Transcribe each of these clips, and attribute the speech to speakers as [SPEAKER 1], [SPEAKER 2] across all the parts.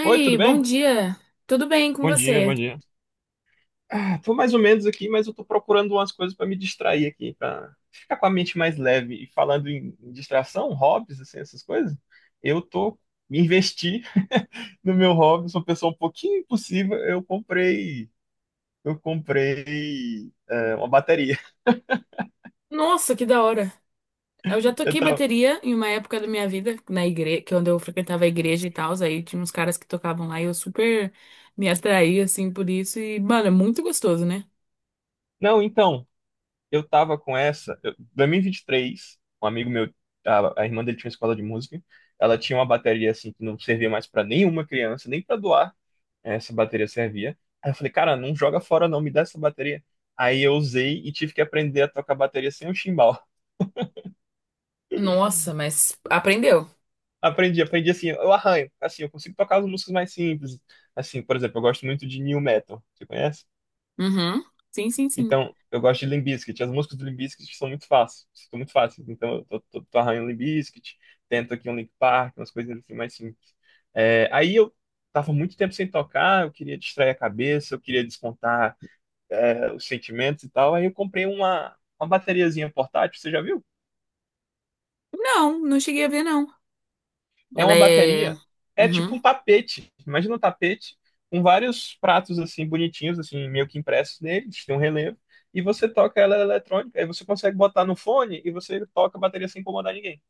[SPEAKER 1] Oi, tudo
[SPEAKER 2] bom
[SPEAKER 1] bem?
[SPEAKER 2] dia. Tudo bem com
[SPEAKER 1] Bom dia,
[SPEAKER 2] você?
[SPEAKER 1] bom dia. Ah, tô mais ou menos aqui, mas eu tô procurando umas coisas para me distrair aqui, para ficar com a mente mais leve. E falando em distração, hobbies, assim, essas coisas, eu tô me investi no meu hobby. Sou uma pessoa um pouquinho impossível. Eu comprei uma bateria.
[SPEAKER 2] Nossa, que da hora. Eu já
[SPEAKER 1] Eu
[SPEAKER 2] toquei
[SPEAKER 1] tava-
[SPEAKER 2] bateria em uma época da minha vida, na igreja, que é onde eu frequentava a igreja e tal, aí tinha uns caras que tocavam lá e eu super me atraí assim por isso e, mano, é muito gostoso, né?
[SPEAKER 1] Não, então, eu tava com essa, eu, 2023, um amigo meu, a irmã dele tinha uma escola de música. Ela tinha uma bateria assim que não servia mais para nenhuma criança, nem para doar. Essa bateria servia. Aí eu falei, cara, não joga fora não, me dá essa bateria. Aí eu usei e tive que aprender a tocar bateria sem o chimbal.
[SPEAKER 2] Nossa, mas aprendeu.
[SPEAKER 1] Aprendi, aprendi assim, eu arranho, assim, eu consigo tocar as músicas mais simples. Assim, por exemplo, eu gosto muito de new metal, você conhece?
[SPEAKER 2] Uhum. Sim, sim, sim.
[SPEAKER 1] Então, eu gosto de Limp Bizkit, as músicas do Limp Bizkit são muito fáceis, são muito fáceis. Então, eu tô arranhando Limp Bizkit, tento aqui um Linkin Park, umas coisinhas assim mais simples. É, aí eu tava muito tempo sem tocar, eu queria distrair a cabeça, eu queria descontar os sentimentos e tal. Aí eu comprei uma bateriazinha portátil, você já viu?
[SPEAKER 2] Não, não cheguei a ver não.
[SPEAKER 1] É
[SPEAKER 2] Ela
[SPEAKER 1] uma
[SPEAKER 2] é.
[SPEAKER 1] bateria, é tipo
[SPEAKER 2] Uhum.
[SPEAKER 1] um tapete. Imagina um tapete com vários pratos assim bonitinhos, assim, meio que impressos neles, tem um relevo, e você toca ela eletrônica, aí você consegue botar no fone e você toca a bateria sem incomodar ninguém.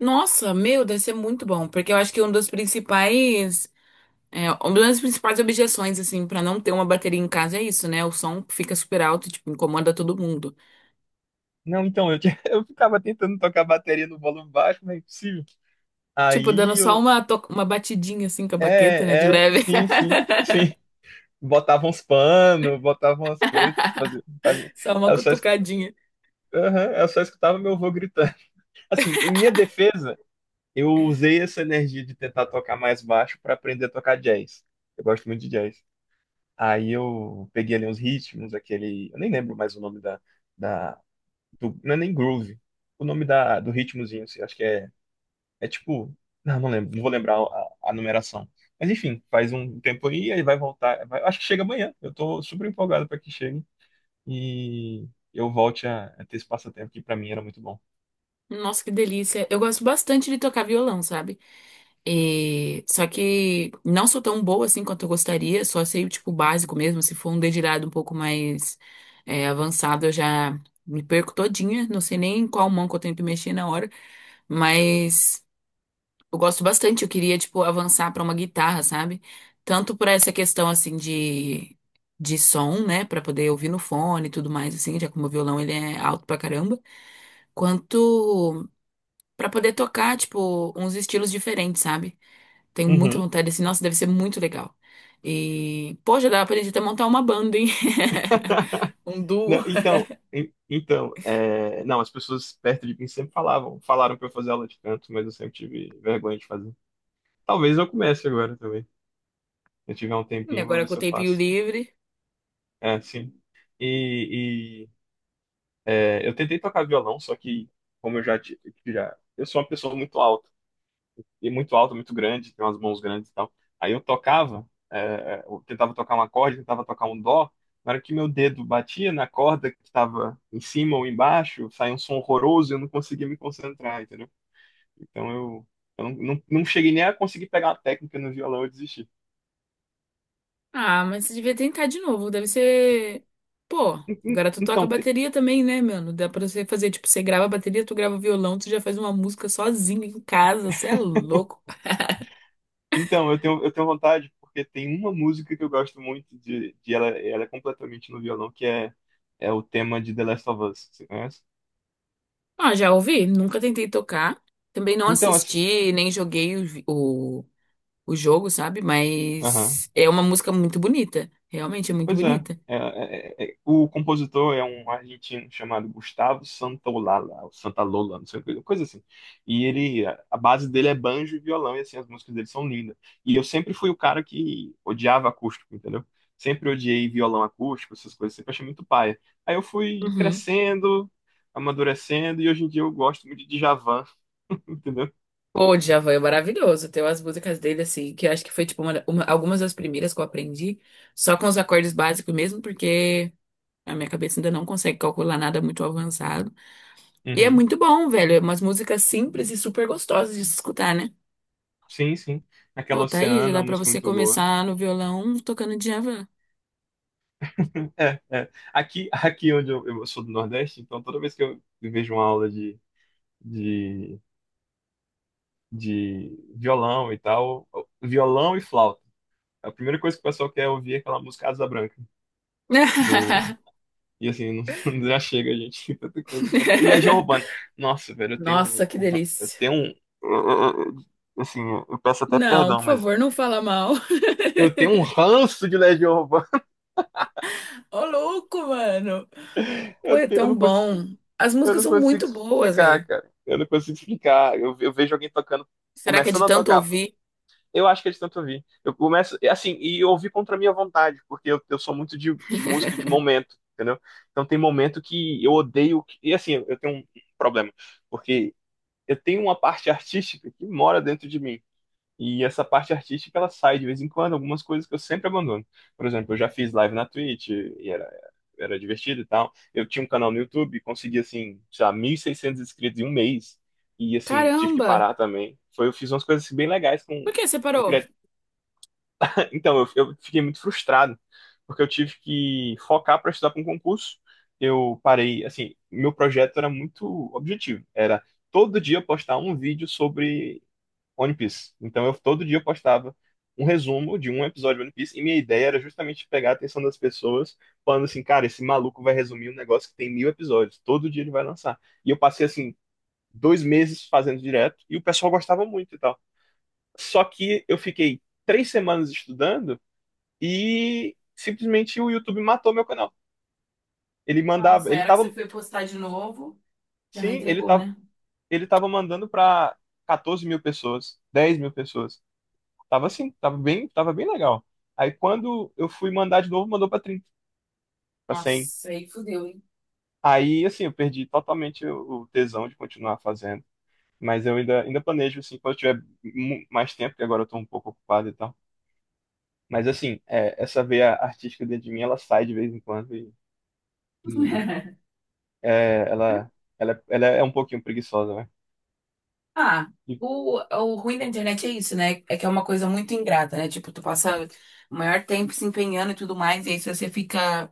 [SPEAKER 2] Nossa, meu, deve ser muito bom, porque eu acho que um dos principais. É, uma das principais objeções, assim, pra não ter uma bateria em casa é isso, né? O som fica super alto, tipo, incomoda todo mundo.
[SPEAKER 1] Não, então, eu ficava tentando tocar a bateria no volume baixo, mas é impossível.
[SPEAKER 2] Tipo, dando
[SPEAKER 1] Aí
[SPEAKER 2] só
[SPEAKER 1] eu.
[SPEAKER 2] uma batidinha, assim, com a baqueta, né? De
[SPEAKER 1] É, é,
[SPEAKER 2] leve.
[SPEAKER 1] sim, sim, sim. Botavam uns panos, botavam as coisas, fazia, fazia-
[SPEAKER 2] Só uma
[SPEAKER 1] eu só
[SPEAKER 2] cutucadinha.
[SPEAKER 1] Aham, eu só escutava meu avô gritando. Assim, em minha defesa, eu usei essa energia de tentar tocar mais baixo para aprender a tocar jazz. Eu gosto muito de jazz. Aí eu peguei ali uns ritmos, aquele. Eu nem lembro mais o nome da. da não é nem groove. O nome da, do ritmozinho, assim, acho que é. É tipo. Não, não lembro, não vou lembrar a numeração. Mas enfim, faz um tempo aí, vai voltar. Acho que chega amanhã. Eu tô super empolgado para que chegue e eu volte a ter esse passatempo que para mim era muito bom.
[SPEAKER 2] Nossa, que delícia. Eu gosto bastante de tocar violão, sabe? E só que não sou tão boa, assim, quanto eu gostaria. Só sei, tipo, o básico mesmo. Se for um dedilhado um pouco mais avançado, eu já me perco todinha. Não sei nem em qual mão que eu tenho que mexer na hora. Mas eu gosto bastante, eu queria, tipo, avançar pra uma guitarra, sabe? Tanto por essa questão, assim, de som, né? Pra poder ouvir no fone e tudo mais, assim, já como o violão ele é alto pra caramba, quanto pra poder tocar, tipo, uns estilos diferentes, sabe? Tenho muita
[SPEAKER 1] Uhum.
[SPEAKER 2] vontade, assim, nossa, deve ser muito legal. E, pô, já dava pra gente até montar uma banda, hein? Um duo.
[SPEAKER 1] Não, então, não, as pessoas perto de mim sempre falavam, falaram pra eu fazer aula de canto, mas eu sempre tive vergonha de fazer. Talvez eu comece agora também. Se eu tiver um
[SPEAKER 2] E
[SPEAKER 1] tempinho, eu vou
[SPEAKER 2] agora
[SPEAKER 1] ver
[SPEAKER 2] com
[SPEAKER 1] se
[SPEAKER 2] o
[SPEAKER 1] eu
[SPEAKER 2] tempinho
[SPEAKER 1] faço.
[SPEAKER 2] livre.
[SPEAKER 1] É, sim. E, e, eu tentei tocar violão, só que como eu já, eu sou uma pessoa muito alta. E muito alto, muito grande, tem umas mãos grandes e tal. Aí eu tocava, eu tentava tocar um acorde, tentava tocar um dó, na hora que meu dedo batia na corda que estava em cima ou embaixo, saía um som horroroso e eu não conseguia me concentrar, entendeu? Então eu não, não, não cheguei nem a conseguir pegar a técnica no violão, eu desisti.
[SPEAKER 2] Ah, mas você devia tentar de novo. Deve ser. Pô,
[SPEAKER 1] En- en-
[SPEAKER 2] agora tu toca
[SPEAKER 1] Então, te-
[SPEAKER 2] bateria também, né, mano? Dá pra você fazer, tipo, você grava a bateria, tu grava o violão, tu já faz uma música sozinho em casa. Você é louco.
[SPEAKER 1] então eu tenho vontade, porque tem uma música que eu gosto muito de ela é completamente no violão, que é o tema de The Last of Us, você conhece?
[SPEAKER 2] Ah, já ouvi, nunca tentei tocar. Também não
[SPEAKER 1] Então, assim,
[SPEAKER 2] assisti, nem joguei o, vi- o jogo, sabe?
[SPEAKER 1] aham.
[SPEAKER 2] Mas é uma música muito bonita. Realmente é muito
[SPEAKER 1] Pois é.
[SPEAKER 2] bonita.
[SPEAKER 1] O compositor é um argentino chamado Gustavo Santaolalla, ou Santalola, não sei, coisa coisa assim. E ele, a base dele é banjo e violão, e assim, as músicas dele são lindas. E eu sempre fui o cara que odiava acústico, entendeu? Sempre odiei violão acústico, essas coisas, sempre achei muito paia. Aí eu fui
[SPEAKER 2] Uhum.
[SPEAKER 1] crescendo, amadurecendo, e hoje em dia eu gosto muito de Djavan, entendeu?
[SPEAKER 2] Pô, o Djavan é maravilhoso. Tem umas músicas dele, assim, que eu acho que foi, tipo, algumas das primeiras que eu aprendi. Só com os acordes básicos mesmo, porque a minha cabeça ainda não consegue calcular nada muito avançado. E é
[SPEAKER 1] Uhum.
[SPEAKER 2] muito bom, velho. É umas músicas simples e super gostosas de se escutar, né?
[SPEAKER 1] Sim, sim.
[SPEAKER 2] Pô,
[SPEAKER 1] Aquela
[SPEAKER 2] tá aí, já
[SPEAKER 1] Oceana, é
[SPEAKER 2] dá
[SPEAKER 1] uma
[SPEAKER 2] pra
[SPEAKER 1] música
[SPEAKER 2] você
[SPEAKER 1] muito boa.
[SPEAKER 2] começar no violão tocando Djavan.
[SPEAKER 1] É, é. Aqui onde eu sou do Nordeste, então toda vez que eu vejo uma aula de, de violão e tal, violão e flauta, é a primeira coisa que o pessoal quer ouvir é aquela música Asa Branca, do... E assim, não, já chega, gente, tem tanta coisa pra trás. E Legião Urbana. Nossa, velho,
[SPEAKER 2] Nossa, que
[SPEAKER 1] eu
[SPEAKER 2] delícia.
[SPEAKER 1] tenho um... Assim, eu peço até
[SPEAKER 2] Não, por
[SPEAKER 1] perdão, mas...
[SPEAKER 2] favor, não fala mal.
[SPEAKER 1] Eu tenho um ranço de Legião Urbana.
[SPEAKER 2] Ô, louco, mano. Pô,
[SPEAKER 1] Eu,
[SPEAKER 2] é
[SPEAKER 1] tenho- eu
[SPEAKER 2] tão
[SPEAKER 1] não consigo.
[SPEAKER 2] bom. As
[SPEAKER 1] Eu
[SPEAKER 2] músicas
[SPEAKER 1] não
[SPEAKER 2] são
[SPEAKER 1] consigo
[SPEAKER 2] muito boas,
[SPEAKER 1] explicar,
[SPEAKER 2] velho.
[SPEAKER 1] cara. Eu não consigo explicar. Eu vejo alguém tocando,
[SPEAKER 2] Será que é de
[SPEAKER 1] começando a
[SPEAKER 2] tanto
[SPEAKER 1] tocar.
[SPEAKER 2] ouvir?
[SPEAKER 1] Eu acho que eles tentam ouvir. Eu começo, assim, e eu ouvi contra a minha vontade, porque eu sou muito de música de momento, entendeu? Então tem momento que eu odeio. E assim, eu tenho um problema, porque eu tenho uma parte artística que mora dentro de mim. E essa parte artística, ela sai de vez em quando, algumas coisas que eu sempre abandono. Por exemplo, eu já fiz live na Twitch e era divertido e tal. Eu tinha um canal no YouTube, consegui, assim, sei lá, 1.600 inscritos em um mês. E, assim, tive que
[SPEAKER 2] Caramba.
[SPEAKER 1] parar também. Foi, eu fiz umas coisas assim, bem legais
[SPEAKER 2] Por
[SPEAKER 1] com...
[SPEAKER 2] que você
[SPEAKER 1] com
[SPEAKER 2] parou?
[SPEAKER 1] cria- Então, eu fiquei muito frustrado, porque eu tive que focar para estudar para um concurso. Eu parei, assim, meu projeto era muito objetivo. Era todo dia eu postar um vídeo sobre One Piece. Então eu todo dia eu postava um resumo de um episódio de One Piece, e minha ideia era justamente pegar a atenção das pessoas, falando assim, cara, esse maluco vai resumir um negócio que tem mil episódios, todo dia ele vai lançar. E eu passei assim 2 meses fazendo direto e o pessoal gostava muito e tal. Só que eu fiquei 3 semanas estudando e simplesmente o YouTube matou meu canal. Ele mandava,
[SPEAKER 2] Nossa,
[SPEAKER 1] ele
[SPEAKER 2] era que você
[SPEAKER 1] tava,
[SPEAKER 2] foi postar de novo, já não
[SPEAKER 1] sim, ele
[SPEAKER 2] entregou,
[SPEAKER 1] tava,
[SPEAKER 2] né?
[SPEAKER 1] ele tava mandando para 14 mil pessoas, 10 mil pessoas. Tava assim, tava bem legal. Aí quando eu fui mandar de novo, mandou pra 30 pra 100.
[SPEAKER 2] Nossa, aí fudeu, hein?
[SPEAKER 1] Aí assim, eu perdi totalmente o tesão de continuar fazendo. Mas eu ainda planejo assim, quando eu tiver mais tempo, porque agora eu tô um pouco ocupado e tal. Mas assim, essa veia artística dentro de mim, ela sai de vez em quando e, e, é, ela, ela é um pouquinho preguiçosa, né?
[SPEAKER 2] Ah,
[SPEAKER 1] E-
[SPEAKER 2] o ruim da internet é isso, né? É que é uma coisa muito ingrata, né? Tipo, tu passa o maior tempo se empenhando e tudo mais, e aí se você fica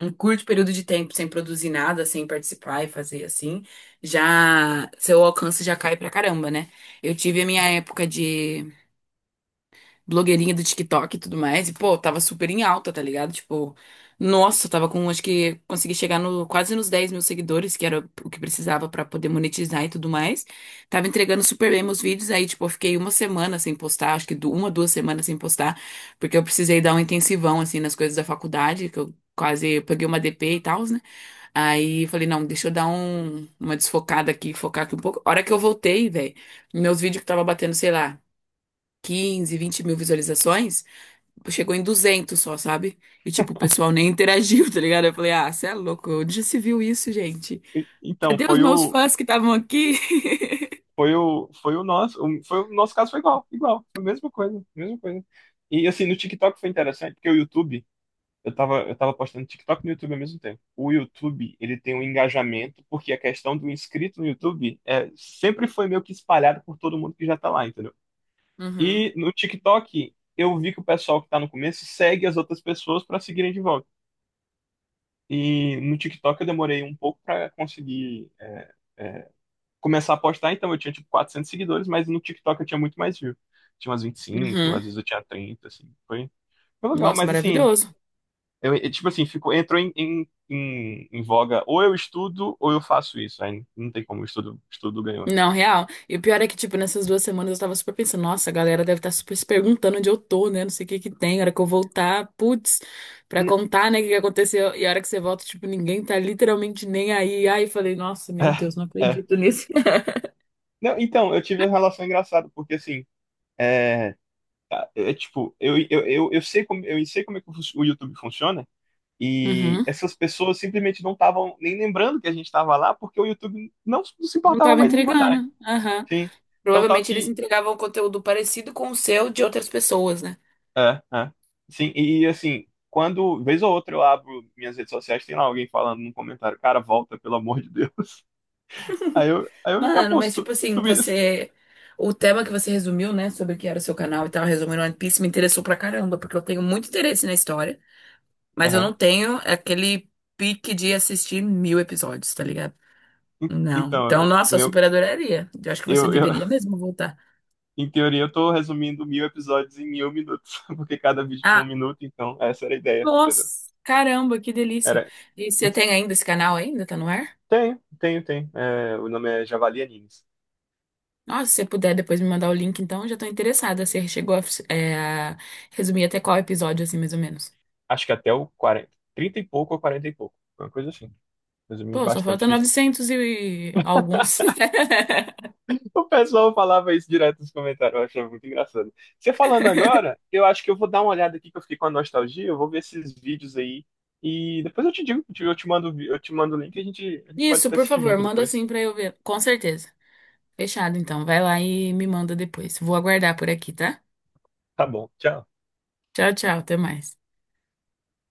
[SPEAKER 2] um curto período de tempo sem produzir nada, sem participar e fazer assim, já seu alcance já cai pra caramba, né? Eu tive a minha época de blogueirinha do TikTok e tudo mais. E, pô, tava super em alta, tá ligado? Tipo, nossa, eu tava com, acho que consegui chegar no, quase nos 10 mil seguidores, que era o que precisava pra poder monetizar e tudo mais. Tava entregando super bem meus vídeos, aí, tipo, eu fiquei uma semana sem postar, acho que 2 semanas sem postar, porque eu precisei dar um intensivão, assim, nas coisas da faculdade, que eu quase peguei uma DP e tal, né? Aí falei, não, deixa eu dar uma desfocada aqui, focar aqui um pouco. A hora que eu voltei, velho, meus vídeos que tava batendo, sei lá. 15, 20 mil visualizações, chegou em 200 só, sabe? E, tipo, o pessoal nem interagiu, tá ligado? Eu falei, ah, você é louco, onde já se viu isso, gente?
[SPEAKER 1] então,
[SPEAKER 2] Cadê os meus fãs que estavam aqui?
[SPEAKER 1] foi o nosso caso foi igual, igual, foi a mesma coisa, mesma coisa. E assim, no TikTok foi interessante, porque o YouTube... Eu tava postando TikTok e no YouTube ao mesmo tempo. O YouTube, ele tem um engajamento, porque a questão do inscrito no YouTube é, sempre foi meio que espalhado por todo mundo que já tá lá, entendeu?
[SPEAKER 2] Uhum.
[SPEAKER 1] E no TikTok, eu vi que o pessoal que tá no começo segue as outras pessoas pra seguirem de volta. E no TikTok eu demorei um pouco pra conseguir começar a postar, então eu tinha tipo 400 seguidores, mas no TikTok eu tinha muito mais view. Tinha umas 25,
[SPEAKER 2] Uhum.
[SPEAKER 1] às vezes eu tinha 30, assim. Foi legal,
[SPEAKER 2] Nossa,
[SPEAKER 1] mas assim,
[SPEAKER 2] maravilhoso.
[SPEAKER 1] eu, tipo assim, ficou, entrou em voga. Ou eu estudo ou eu faço isso. Aí não tem como, o estudo ganhou.
[SPEAKER 2] Não, real. E o pior é que, tipo, nessas 2 semanas eu tava super pensando, nossa, a galera deve estar super se perguntando onde eu tô, né? Não sei o que que tem, a hora que eu voltar, putz, pra
[SPEAKER 1] N-
[SPEAKER 2] contar, né, o que que aconteceu. E a hora que você volta, tipo, ninguém tá literalmente nem aí. Aí eu falei, nossa, meu Deus, não
[SPEAKER 1] É, é.
[SPEAKER 2] acredito nisso.
[SPEAKER 1] Não, então, eu tive uma relação engraçada, porque assim, é, tipo, eu sei como, eu sei como é que o YouTube funciona, e
[SPEAKER 2] Uhum.
[SPEAKER 1] essas pessoas simplesmente não estavam nem lembrando que a gente estava lá, porque o YouTube não se
[SPEAKER 2] Não
[SPEAKER 1] importava
[SPEAKER 2] tava
[SPEAKER 1] mais em mandar.
[SPEAKER 2] entregando. Aham.
[SPEAKER 1] Sim. Então, tal
[SPEAKER 2] Provavelmente eles
[SPEAKER 1] que
[SPEAKER 2] entregavam conteúdo parecido com o seu de outras pessoas, né?
[SPEAKER 1] é, é. Sim, e, assim, quando, vez ou outra, eu abro minhas redes sociais, tem lá alguém falando num comentário, cara, volta, pelo amor de Deus. Aí eu fico, "Ah,
[SPEAKER 2] Mano,
[SPEAKER 1] pô, se
[SPEAKER 2] mas
[SPEAKER 1] tu,
[SPEAKER 2] tipo
[SPEAKER 1] se
[SPEAKER 2] assim,
[SPEAKER 1] tu me- se-".
[SPEAKER 2] você. O tema que você resumiu, né, sobre o que era o seu canal e tal, resumindo One Piece, me interessou pra caramba, porque eu tenho muito interesse na história. Mas eu não
[SPEAKER 1] Aham.
[SPEAKER 2] tenho aquele pique de assistir 1.000 episódios, tá ligado?
[SPEAKER 1] En-
[SPEAKER 2] Não. Então,
[SPEAKER 1] Então,
[SPEAKER 2] nossa, eu
[SPEAKER 1] meu,
[SPEAKER 2] super adoraria. Eu acho que você
[SPEAKER 1] eu, eu,
[SPEAKER 2] deveria mesmo voltar.
[SPEAKER 1] em teoria, eu tô resumindo mil episódios em mil minutos, porque cada vídeo tinha um
[SPEAKER 2] Ah,
[SPEAKER 1] minuto, então essa era a ideia, entendeu?
[SPEAKER 2] nossa, caramba, que delícia.
[SPEAKER 1] Era.
[SPEAKER 2] E você tem ainda esse canal ainda? Tá no ar?
[SPEAKER 1] Tenho, tenho, tenho. É, o nome é Javali Animes.
[SPEAKER 2] Nossa, se você puder depois me mandar o link, então, eu já tô interessada. Você chegou é, a resumir até qual episódio, assim, mais ou menos.
[SPEAKER 1] Acho que até o 40, 30 e pouco ou 40 e pouco. Uma coisa assim. Resumi
[SPEAKER 2] Pô, só
[SPEAKER 1] bastante.
[SPEAKER 2] falta
[SPEAKER 1] Fiz.
[SPEAKER 2] 900 e alguns.
[SPEAKER 1] O pessoal falava isso direto nos comentários, eu achava muito engraçado. Você falando agora, eu acho que eu vou dar uma olhada aqui que eu fiquei com a nostalgia, eu vou ver esses vídeos aí e depois eu te digo, eu te mando o link, e a gente pode
[SPEAKER 2] Isso, por
[SPEAKER 1] assistir
[SPEAKER 2] favor,
[SPEAKER 1] junto
[SPEAKER 2] manda
[SPEAKER 1] depois.
[SPEAKER 2] assim pra eu ver. Com certeza. Fechado, então. Vai lá e me manda depois. Vou aguardar por aqui, tá?
[SPEAKER 1] Tá bom, tchau.
[SPEAKER 2] Tchau, tchau, até mais.